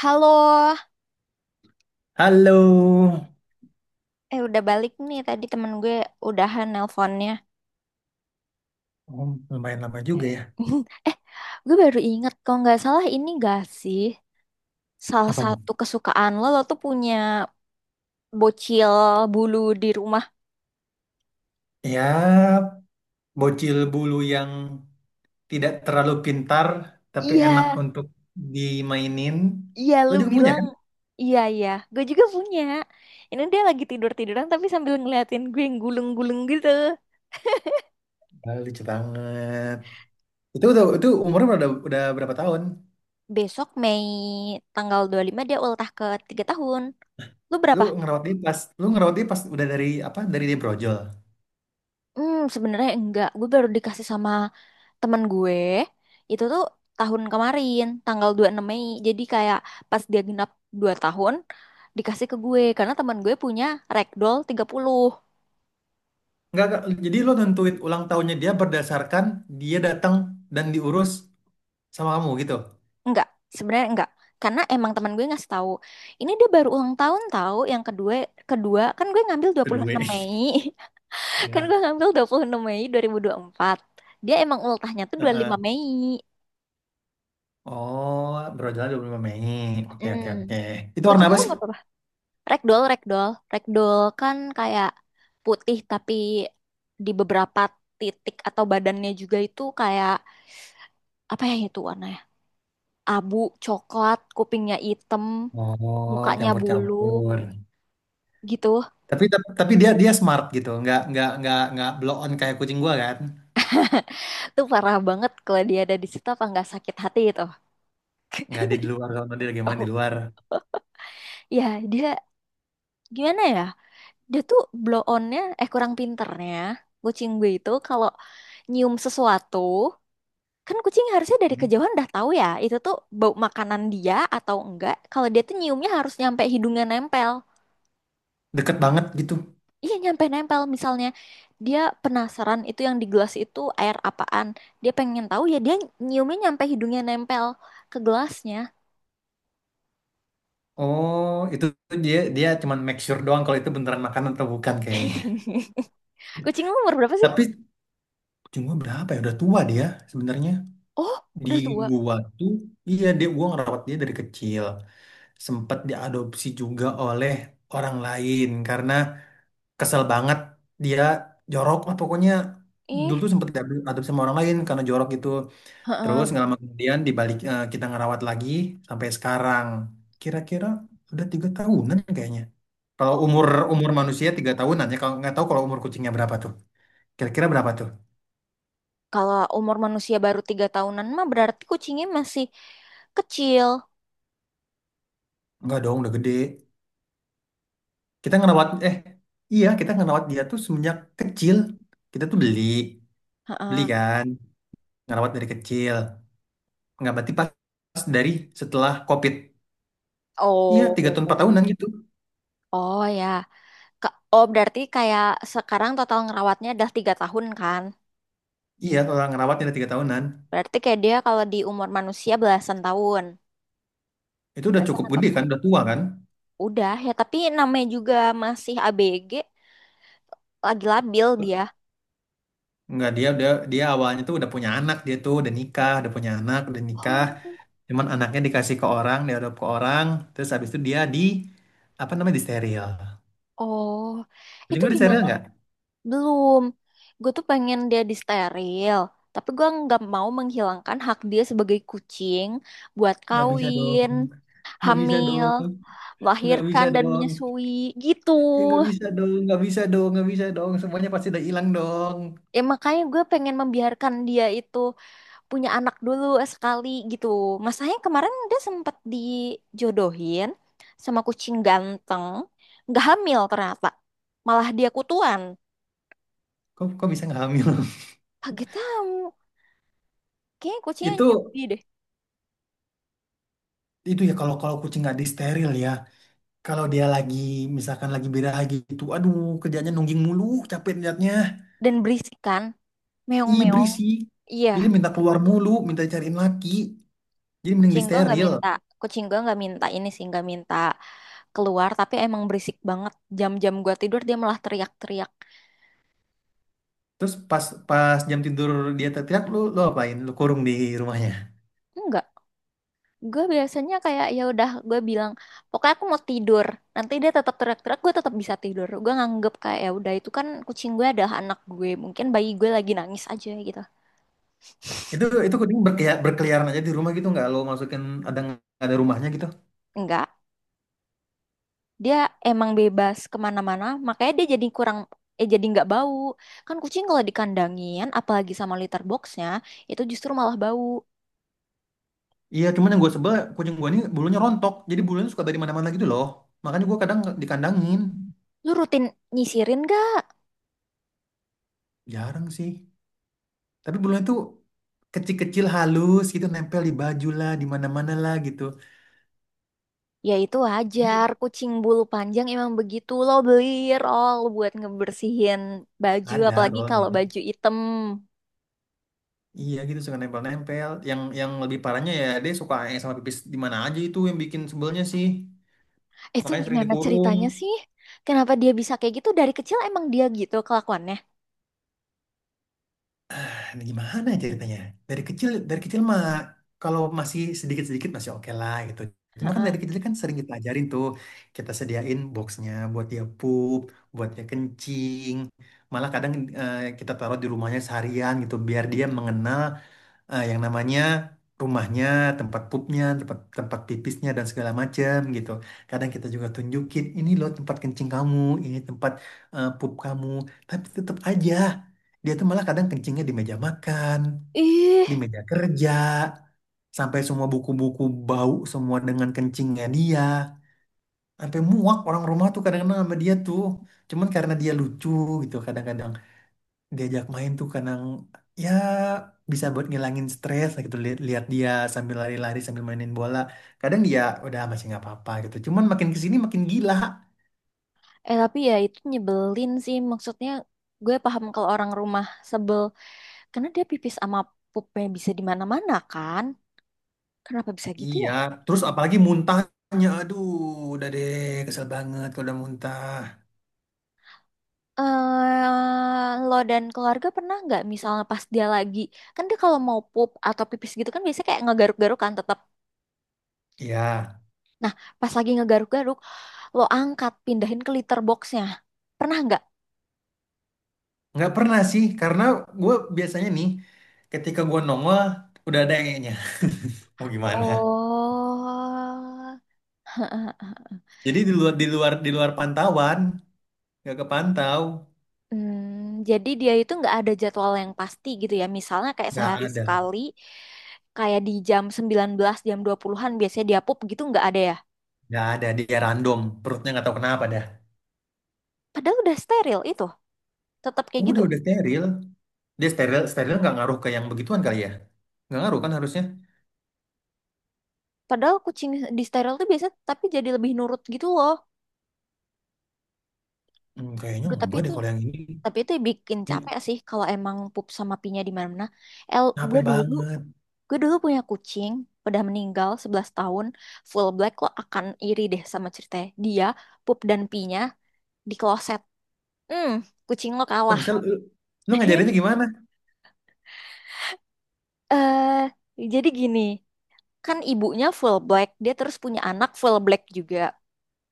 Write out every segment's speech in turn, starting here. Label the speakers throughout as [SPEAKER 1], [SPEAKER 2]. [SPEAKER 1] Halo,
[SPEAKER 2] Halo.
[SPEAKER 1] eh udah balik nih tadi temen gue udahan nelponnya.
[SPEAKER 2] Oh, lumayan lama juga ya.
[SPEAKER 1] Eh, gue baru inget kalau nggak salah ini gak sih salah
[SPEAKER 2] Apaan?
[SPEAKER 1] satu kesukaan lo, lo tuh punya bocil bulu di rumah.
[SPEAKER 2] Ya, bocil bulu yang tidak terlalu pintar, tapi enak
[SPEAKER 1] Iya,
[SPEAKER 2] untuk dimainin.
[SPEAKER 1] iya
[SPEAKER 2] Lo
[SPEAKER 1] lu
[SPEAKER 2] juga punya
[SPEAKER 1] bilang.
[SPEAKER 2] kan?
[SPEAKER 1] Iya, iya, gue juga punya. Ini dia lagi tidur-tiduran tapi sambil ngeliatin gue yang gulung-gulung gitu.
[SPEAKER 2] Ah, lucu banget. Itu udah, itu umurnya udah berapa tahun?
[SPEAKER 1] Besok Mei tanggal 25 dia ultah ke 3 tahun. Lu
[SPEAKER 2] Lu
[SPEAKER 1] berapa.
[SPEAKER 2] ngerawat dia pas, lu ngerawat dia pas udah dari apa? Dari dia brojol.
[SPEAKER 1] Hmm, sebenarnya enggak. Gue baru dikasih sama temen gue. Itu tuh tahun kemarin, tanggal 26 Mei. Jadi kayak pas dia genap 2 tahun, dikasih ke gue. Karena temen gue punya ragdoll 30.
[SPEAKER 2] Enggak, enggak. Jadi lo nentuin ulang tahunnya dia berdasarkan dia datang dan diurus sama kamu gitu.
[SPEAKER 1] Enggak, sebenarnya enggak. Karena emang temen gue ngasih tahu. Ini dia baru ulang tahun tahu yang kedua kedua kan gue ngambil dua puluh
[SPEAKER 2] Kedua.
[SPEAKER 1] enam Mei. Kan
[SPEAKER 2] Ya.
[SPEAKER 1] gue ngambil 26 Mei dua ribu empat. Dia emang ultahnya tuh 25
[SPEAKER 2] Heeh.
[SPEAKER 1] Mei.
[SPEAKER 2] Oh, berjalan 25 Mei. Oke, oke, oke.
[SPEAKER 1] Mm.
[SPEAKER 2] Itu warna
[SPEAKER 1] Kucing lo
[SPEAKER 2] apa sih?
[SPEAKER 1] umur berapa? Ragdoll, ragdoll, ragdoll kan kayak putih tapi di beberapa titik atau badannya juga itu kayak apa ya itu warnanya? Abu, coklat, kupingnya hitam,
[SPEAKER 2] Oh,
[SPEAKER 1] mukanya, iya, bulu
[SPEAKER 2] campur-campur.
[SPEAKER 1] gitu.
[SPEAKER 2] Tapi tapi dia dia smart gitu. Nggak blow on kayak kucing gua kan.
[SPEAKER 1] Itu parah banget kalau dia ada di situ apa nggak sakit hati itu.
[SPEAKER 2] Nggak ada di luar kalau dia lagi main di
[SPEAKER 1] Oh,
[SPEAKER 2] luar.
[SPEAKER 1] ya, dia gimana ya? Dia tuh blow onnya, eh, kurang pinternya kucing gue itu kalau nyium sesuatu. Kan kucing harusnya dari kejauhan udah tahu ya, itu tuh bau makanan dia atau enggak. Kalau dia tuh nyiumnya harus nyampe hidungnya nempel.
[SPEAKER 2] Deket banget gitu.
[SPEAKER 1] Iya, nyampe nempel. Misalnya dia penasaran itu yang di gelas itu air apaan. Dia pengen tahu ya, dia nyiumnya nyampe hidungnya nempel ke gelasnya.
[SPEAKER 2] Oh, itu tuh dia dia cuman make sure doang kalau itu beneran makanan atau bukan kayaknya.
[SPEAKER 1] Kucing lu umur berapa sih?
[SPEAKER 2] Tapi kucing gua berapa ya? Udah tua dia sebenarnya.
[SPEAKER 1] Oh,
[SPEAKER 2] Di
[SPEAKER 1] udah tua.
[SPEAKER 2] gua tuh iya dia gua ngerawat dia dari kecil. Sempet diadopsi juga oleh orang lain karena kesel banget dia jorok lah pokoknya dulu
[SPEAKER 1] Ih,
[SPEAKER 2] tuh sempet adu sama orang lain karena jorok gitu, terus
[SPEAKER 1] heeh.
[SPEAKER 2] nggak lama kemudian dibalik kita ngerawat lagi sampai sekarang kira-kira udah tiga tahunan kayaknya kalau umur umur
[SPEAKER 1] Oh,
[SPEAKER 2] manusia tiga tahunan ya kalau nggak tahu kalau umur kucingnya berapa tuh kira-kira berapa tuh
[SPEAKER 1] kalau umur manusia baru tiga tahunan mah berarti kucingnya masih kecil.
[SPEAKER 2] nggak dong udah gede kita ngerawat iya kita ngerawat dia tuh semenjak kecil kita tuh beli beli
[SPEAKER 1] Heeh.
[SPEAKER 2] kan ngerawat dari kecil nggak berarti pas pas dari setelah COVID. Iya, tiga tahun empat tahunan
[SPEAKER 1] Oh,
[SPEAKER 2] gitu.
[SPEAKER 1] oh ya. Ka- Oh, berarti kayak sekarang total ngerawatnya udah tiga tahun kan?
[SPEAKER 2] Iya, kalau ngerawatnya udah tiga tahunan.
[SPEAKER 1] Berarti kayak dia kalau di umur manusia belasan tahun.
[SPEAKER 2] Itu udah
[SPEAKER 1] Belasan
[SPEAKER 2] cukup
[SPEAKER 1] apa
[SPEAKER 2] gede kan,
[SPEAKER 1] pun.
[SPEAKER 2] udah tua kan?
[SPEAKER 1] Udah ya, tapi namanya juga masih ABG, lagi labil dia.
[SPEAKER 2] Enggak, dia udah dia awalnya tuh udah punya anak, dia tuh udah nikah, udah punya anak, udah nikah.
[SPEAKER 1] Oh,
[SPEAKER 2] Cuman anaknya dikasih ke orang, diadop ke orang, terus habis itu dia di apa namanya di steril.
[SPEAKER 1] oh.
[SPEAKER 2] Kucing
[SPEAKER 1] Itu
[SPEAKER 2] lu di steril
[SPEAKER 1] gimana?
[SPEAKER 2] nggak?
[SPEAKER 1] Belum. Gue tuh pengen dia disteril. Tapi gue nggak mau menghilangkan hak dia sebagai kucing buat
[SPEAKER 2] Nggak bisa dong,
[SPEAKER 1] kawin,
[SPEAKER 2] nggak bisa
[SPEAKER 1] hamil,
[SPEAKER 2] dong, nggak bisa
[SPEAKER 1] melahirkan, dan
[SPEAKER 2] dong,
[SPEAKER 1] menyusui. Gitu.
[SPEAKER 2] ya nggak bisa dong, nggak bisa dong, nggak bisa dong. Semuanya pasti udah hilang dong.
[SPEAKER 1] Ya makanya gue pengen membiarkan dia itu punya anak dulu sekali gitu. Masalahnya kemarin dia sempat dijodohin sama kucing ganteng. Nggak hamil ternyata. Malah dia kutuan.
[SPEAKER 2] Kok kok bisa nggak hamil?
[SPEAKER 1] Kaget tahu. Kayaknya kucingnya
[SPEAKER 2] Itu
[SPEAKER 1] nyubi deh.
[SPEAKER 2] itu ya kalau kalau kucing nggak di steril ya. Kalau dia lagi, misalkan lagi biraha gitu, aduh kerjanya nungging mulu, capek liatnya.
[SPEAKER 1] Dan berisik kan.
[SPEAKER 2] Ih
[SPEAKER 1] Meong-meong.
[SPEAKER 2] berisik.
[SPEAKER 1] Iya.
[SPEAKER 2] Jadi minta keluar mulu, minta cariin laki. Jadi mending di
[SPEAKER 1] Kucing gue nggak
[SPEAKER 2] steril.
[SPEAKER 1] minta. Kucing gue nggak minta ini sih. Nggak minta keluar. Tapi emang berisik banget. Jam-jam gue tidur dia malah teriak-teriak.
[SPEAKER 2] Terus pas pas jam tidur dia teriak, lu lu apain? Lu kurung di rumahnya.
[SPEAKER 1] Enggak, gue biasanya kayak ya udah, gue bilang pokoknya aku mau tidur, nanti dia tetap teriak-teriak, gue tetap bisa tidur. Gue nganggep kayak ya udah, itu kan kucing gue adalah anak gue, mungkin bayi gue lagi nangis aja gitu.
[SPEAKER 2] Itu kucing berkeliaran aja di rumah gitu nggak lo masukin ada rumahnya gitu.
[SPEAKER 1] Enggak, dia emang bebas kemana-mana makanya dia jadi kurang, eh, jadi nggak bau. Kan kucing kalau dikandangin apalagi sama litter boxnya itu justru malah bau.
[SPEAKER 2] Iya, cuman yang gue sebel kucing gue ini bulunya rontok. Jadi bulunya suka dari mana-mana gitu loh. Makanya gue kadang dikandangin.
[SPEAKER 1] Lu rutin nyisirin gak?
[SPEAKER 2] Jarang sih. Tapi bulunya tuh kecil-kecil halus gitu nempel di baju lah, di mana-mana lah gitu.
[SPEAKER 1] Ya itu
[SPEAKER 2] Jadi
[SPEAKER 1] wajar, kucing bulu panjang emang begitu. Lo beli roll buat ngebersihin baju,
[SPEAKER 2] ada
[SPEAKER 1] apalagi kalau
[SPEAKER 2] rollnya.
[SPEAKER 1] baju item.
[SPEAKER 2] Iya gitu suka nempel-nempel. Yang lebih parahnya ya dia suka aeng sama pipis di mana aja itu yang bikin sebelnya sih.
[SPEAKER 1] Itu
[SPEAKER 2] Makanya sering
[SPEAKER 1] gimana
[SPEAKER 2] dikurung.
[SPEAKER 1] ceritanya sih? Kenapa dia bisa kayak gitu? Dari kecil emang dia gitu kelakuannya?
[SPEAKER 2] Nah, gimana ceritanya? Dari kecil mah kalau masih sedikit-sedikit masih oke lah gitu. Cuma kan dari
[SPEAKER 1] Heeh.
[SPEAKER 2] kecil kan sering kita ajarin tuh, kita sediain boxnya buat dia pup, buat dia kencing. Malah kadang kita taruh di rumahnya seharian gitu, biar dia mengenal yang namanya rumahnya, tempat pupnya, tempat tempat pipisnya dan segala macam gitu. Kadang kita juga tunjukin ini loh tempat kencing kamu, ini tempat pup kamu, tapi tetap aja dia tuh malah kadang kencingnya di meja makan,
[SPEAKER 1] Ih,
[SPEAKER 2] di meja kerja, sampai semua buku-buku bau semua dengan kencingnya dia. Sampai muak orang rumah tuh kadang-kadang sama dia tuh. Cuman karena dia lucu gitu kadang-kadang diajak main tuh kadang ya bisa buat ngilangin stres lah gitu lihat lihat dia sambil lari-lari sambil mainin bola kadang dia udah masih nggak apa-apa gitu cuman makin kesini makin gila.
[SPEAKER 1] eh tapi ya itu nyebelin sih. Maksudnya gue paham kalau orang rumah sebel, karena dia pipis sama pupnya bisa di mana-mana kan? Kenapa bisa gitu
[SPEAKER 2] Iya,
[SPEAKER 1] ya?
[SPEAKER 2] terus apalagi muntahnya aduh udah deh kesel banget kalau udah muntah.
[SPEAKER 1] Eh, lo dan keluarga pernah nggak misalnya pas dia lagi, kan dia kalau mau pup atau pipis gitu kan biasanya kayak ngegaruk-garuk kan tetap.
[SPEAKER 2] Iya,
[SPEAKER 1] Nah, pas lagi ngegaruk-garuk, lo angkat pindahin ke litter boxnya. Pernah nggak?
[SPEAKER 2] nggak pernah sih karena gue biasanya nih ketika gue nongol udah ada nya. Mau gimana
[SPEAKER 1] Oh.
[SPEAKER 2] jadi di luar pantauan nggak kepantau
[SPEAKER 1] Hmm, jadi dia itu nggak ada jadwal yang pasti gitu ya. Misalnya kayak
[SPEAKER 2] nggak
[SPEAKER 1] sehari
[SPEAKER 2] ada.
[SPEAKER 1] sekali, kayak di jam 19, jam 20-an biasanya dia pup gitu, nggak ada ya.
[SPEAKER 2] Nggak ada dia random perutnya nggak tahu kenapa dah.
[SPEAKER 1] Padahal udah steril itu, tetap kayak
[SPEAKER 2] Udah
[SPEAKER 1] gitu.
[SPEAKER 2] steril. Dia steril steril nggak ngaruh ke yang begituan kali ya? Nggak ngaruh kan harusnya?
[SPEAKER 1] Padahal kucing di steril tuh biasa, tapi jadi lebih nurut gitu loh.
[SPEAKER 2] Hmm, kayaknya
[SPEAKER 1] Duh, tapi
[SPEAKER 2] enggak deh
[SPEAKER 1] itu
[SPEAKER 2] kalau yang ini.
[SPEAKER 1] tapi itu bikin
[SPEAKER 2] Ya,
[SPEAKER 1] capek sih kalau emang pup sama pinya di mana-mana. El, gue
[SPEAKER 2] capek
[SPEAKER 1] dulu
[SPEAKER 2] banget.
[SPEAKER 1] gue dulu punya kucing, udah meninggal 11 tahun, full black. Lo akan iri deh sama ceritanya. Dia pup dan pinya di kloset. Hmm, kucing lo
[SPEAKER 2] Kok
[SPEAKER 1] kalah.
[SPEAKER 2] bisa lu, lu ngajarinnya gimana?
[SPEAKER 1] Eh, jadi gini, kan ibunya full black, dia terus punya anak full black juga.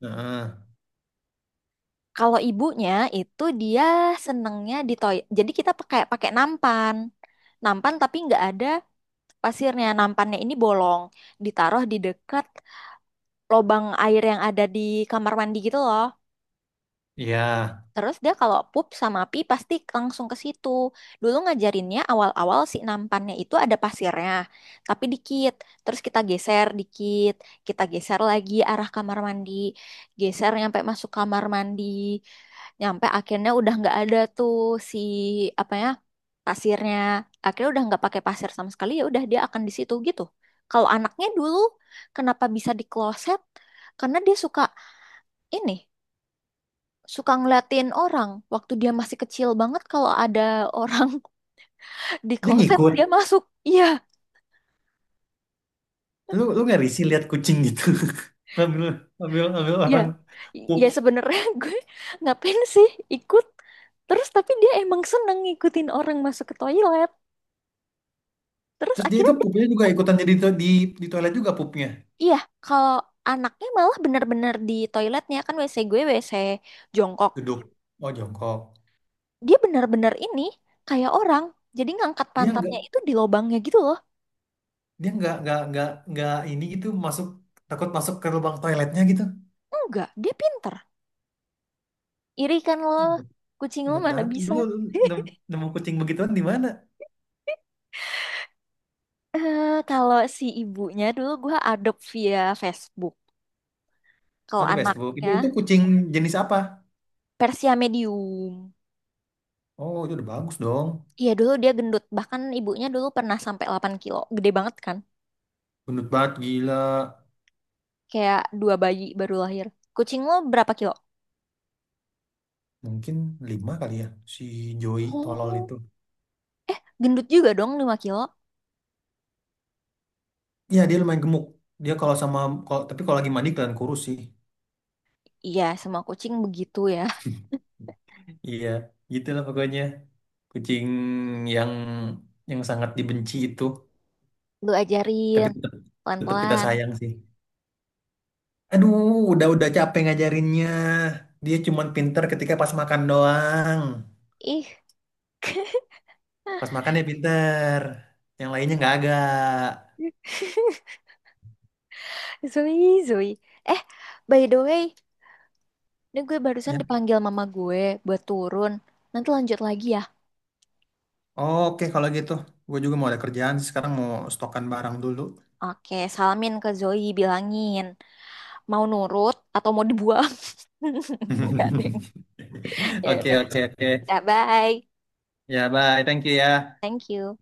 [SPEAKER 2] Heeh.
[SPEAKER 1] Kalau ibunya itu dia senengnya di toy. Jadi kita pakai pakai nampan. Nampan tapi nggak ada pasirnya. Nampannya ini bolong, ditaruh di dekat lubang air yang ada di kamar mandi gitu loh.
[SPEAKER 2] Iya.
[SPEAKER 1] Terus dia kalau pup sama pi pasti langsung ke situ. Dulu ngajarinnya awal-awal si nampannya itu ada pasirnya, tapi dikit. Terus kita geser dikit, kita geser lagi arah kamar mandi, geser nyampe masuk kamar mandi, nyampe akhirnya udah nggak ada tuh si apa ya pasirnya. Akhirnya udah nggak pakai pasir sama sekali, ya udah dia akan di situ gitu. Kalau anaknya dulu kenapa bisa di kloset? Karena dia suka ini, suka ngeliatin orang waktu dia masih kecil banget. Kalau ada orang di
[SPEAKER 2] Dia
[SPEAKER 1] kloset
[SPEAKER 2] ngikut.
[SPEAKER 1] dia masuk. Iya,
[SPEAKER 2] Lu lu nggak risih lihat kucing gitu. Ambil ambil ambil
[SPEAKER 1] iya,
[SPEAKER 2] orang pup.
[SPEAKER 1] ya sebenarnya gue ngapain sih ikut terus, tapi dia emang seneng ngikutin orang masuk ke toilet, terus
[SPEAKER 2] Terus dia itu
[SPEAKER 1] akhirnya dia-.
[SPEAKER 2] pupnya juga ikutan jadi di toilet juga pupnya.
[SPEAKER 1] Iya, kalau anaknya malah benar-benar di toiletnya. Kan WC gue WC jongkok,
[SPEAKER 2] Duduk. Oh jongkok.
[SPEAKER 1] dia benar-benar ini, kayak orang, jadi ngangkat
[SPEAKER 2] Dia nggak
[SPEAKER 1] pantatnya itu di lubangnya gitu loh.
[SPEAKER 2] dia nggak ini gitu masuk takut masuk ke lubang toiletnya gitu.
[SPEAKER 1] Enggak, dia pinter. Iri kan lo, kucing lo
[SPEAKER 2] Cepet
[SPEAKER 1] mana
[SPEAKER 2] banget.
[SPEAKER 1] bisa.
[SPEAKER 2] Dulu nemu kucing begituan di mana?
[SPEAKER 1] Eh, kalau si ibunya dulu gue adopt via Facebook. Kalau
[SPEAKER 2] Oh, di Facebook. Itu
[SPEAKER 1] anaknya
[SPEAKER 2] kucing jenis apa?
[SPEAKER 1] Persia medium.
[SPEAKER 2] Oh, itu udah bagus dong.
[SPEAKER 1] Iya dulu dia gendut. Bahkan ibunya dulu pernah sampai 8 kilo. Gede banget kan?
[SPEAKER 2] Gendut banget gila.
[SPEAKER 1] Kayak dua bayi baru lahir. Kucing lo berapa kilo?
[SPEAKER 2] Mungkin lima kali ya si Joey tolol
[SPEAKER 1] Oh,
[SPEAKER 2] itu.
[SPEAKER 1] gendut juga dong 5 kilo.
[SPEAKER 2] Iya, dia lumayan gemuk. Dia kalau sama kalau tapi kalau lagi mandi kelihatan kurus sih.
[SPEAKER 1] Iya, semua kucing begitu ya.
[SPEAKER 2] Iya, gitulah pokoknya. Kucing yang sangat dibenci itu,
[SPEAKER 1] Lu
[SPEAKER 2] tapi
[SPEAKER 1] ajarin
[SPEAKER 2] tetap tetap kita
[SPEAKER 1] pelan-pelan.
[SPEAKER 2] sayang sih. Aduh, udah-udah capek ngajarinnya. Dia cuman pinter ketika pas makan doang.
[SPEAKER 1] Ih.
[SPEAKER 2] Pas makan ya pinter. Yang lainnya nggak agak.
[SPEAKER 1] Zoe, Zoe. Eh, by the way, ini gue barusan
[SPEAKER 2] Ya.
[SPEAKER 1] dipanggil mama gue buat turun. Nanti lanjut lagi ya.
[SPEAKER 2] Oke, kalau gitu. Gue juga mau ada kerjaan sih. Sekarang mau stokan barang dulu.
[SPEAKER 1] Oke, salamin ke Zoe, bilangin mau nurut atau mau dibuang. Enggak, deng. Ya
[SPEAKER 2] Oke,
[SPEAKER 1] udah,
[SPEAKER 2] oke, oke.
[SPEAKER 1] dah, bye.
[SPEAKER 2] Ya, bye. Thank you ya.
[SPEAKER 1] Thank you.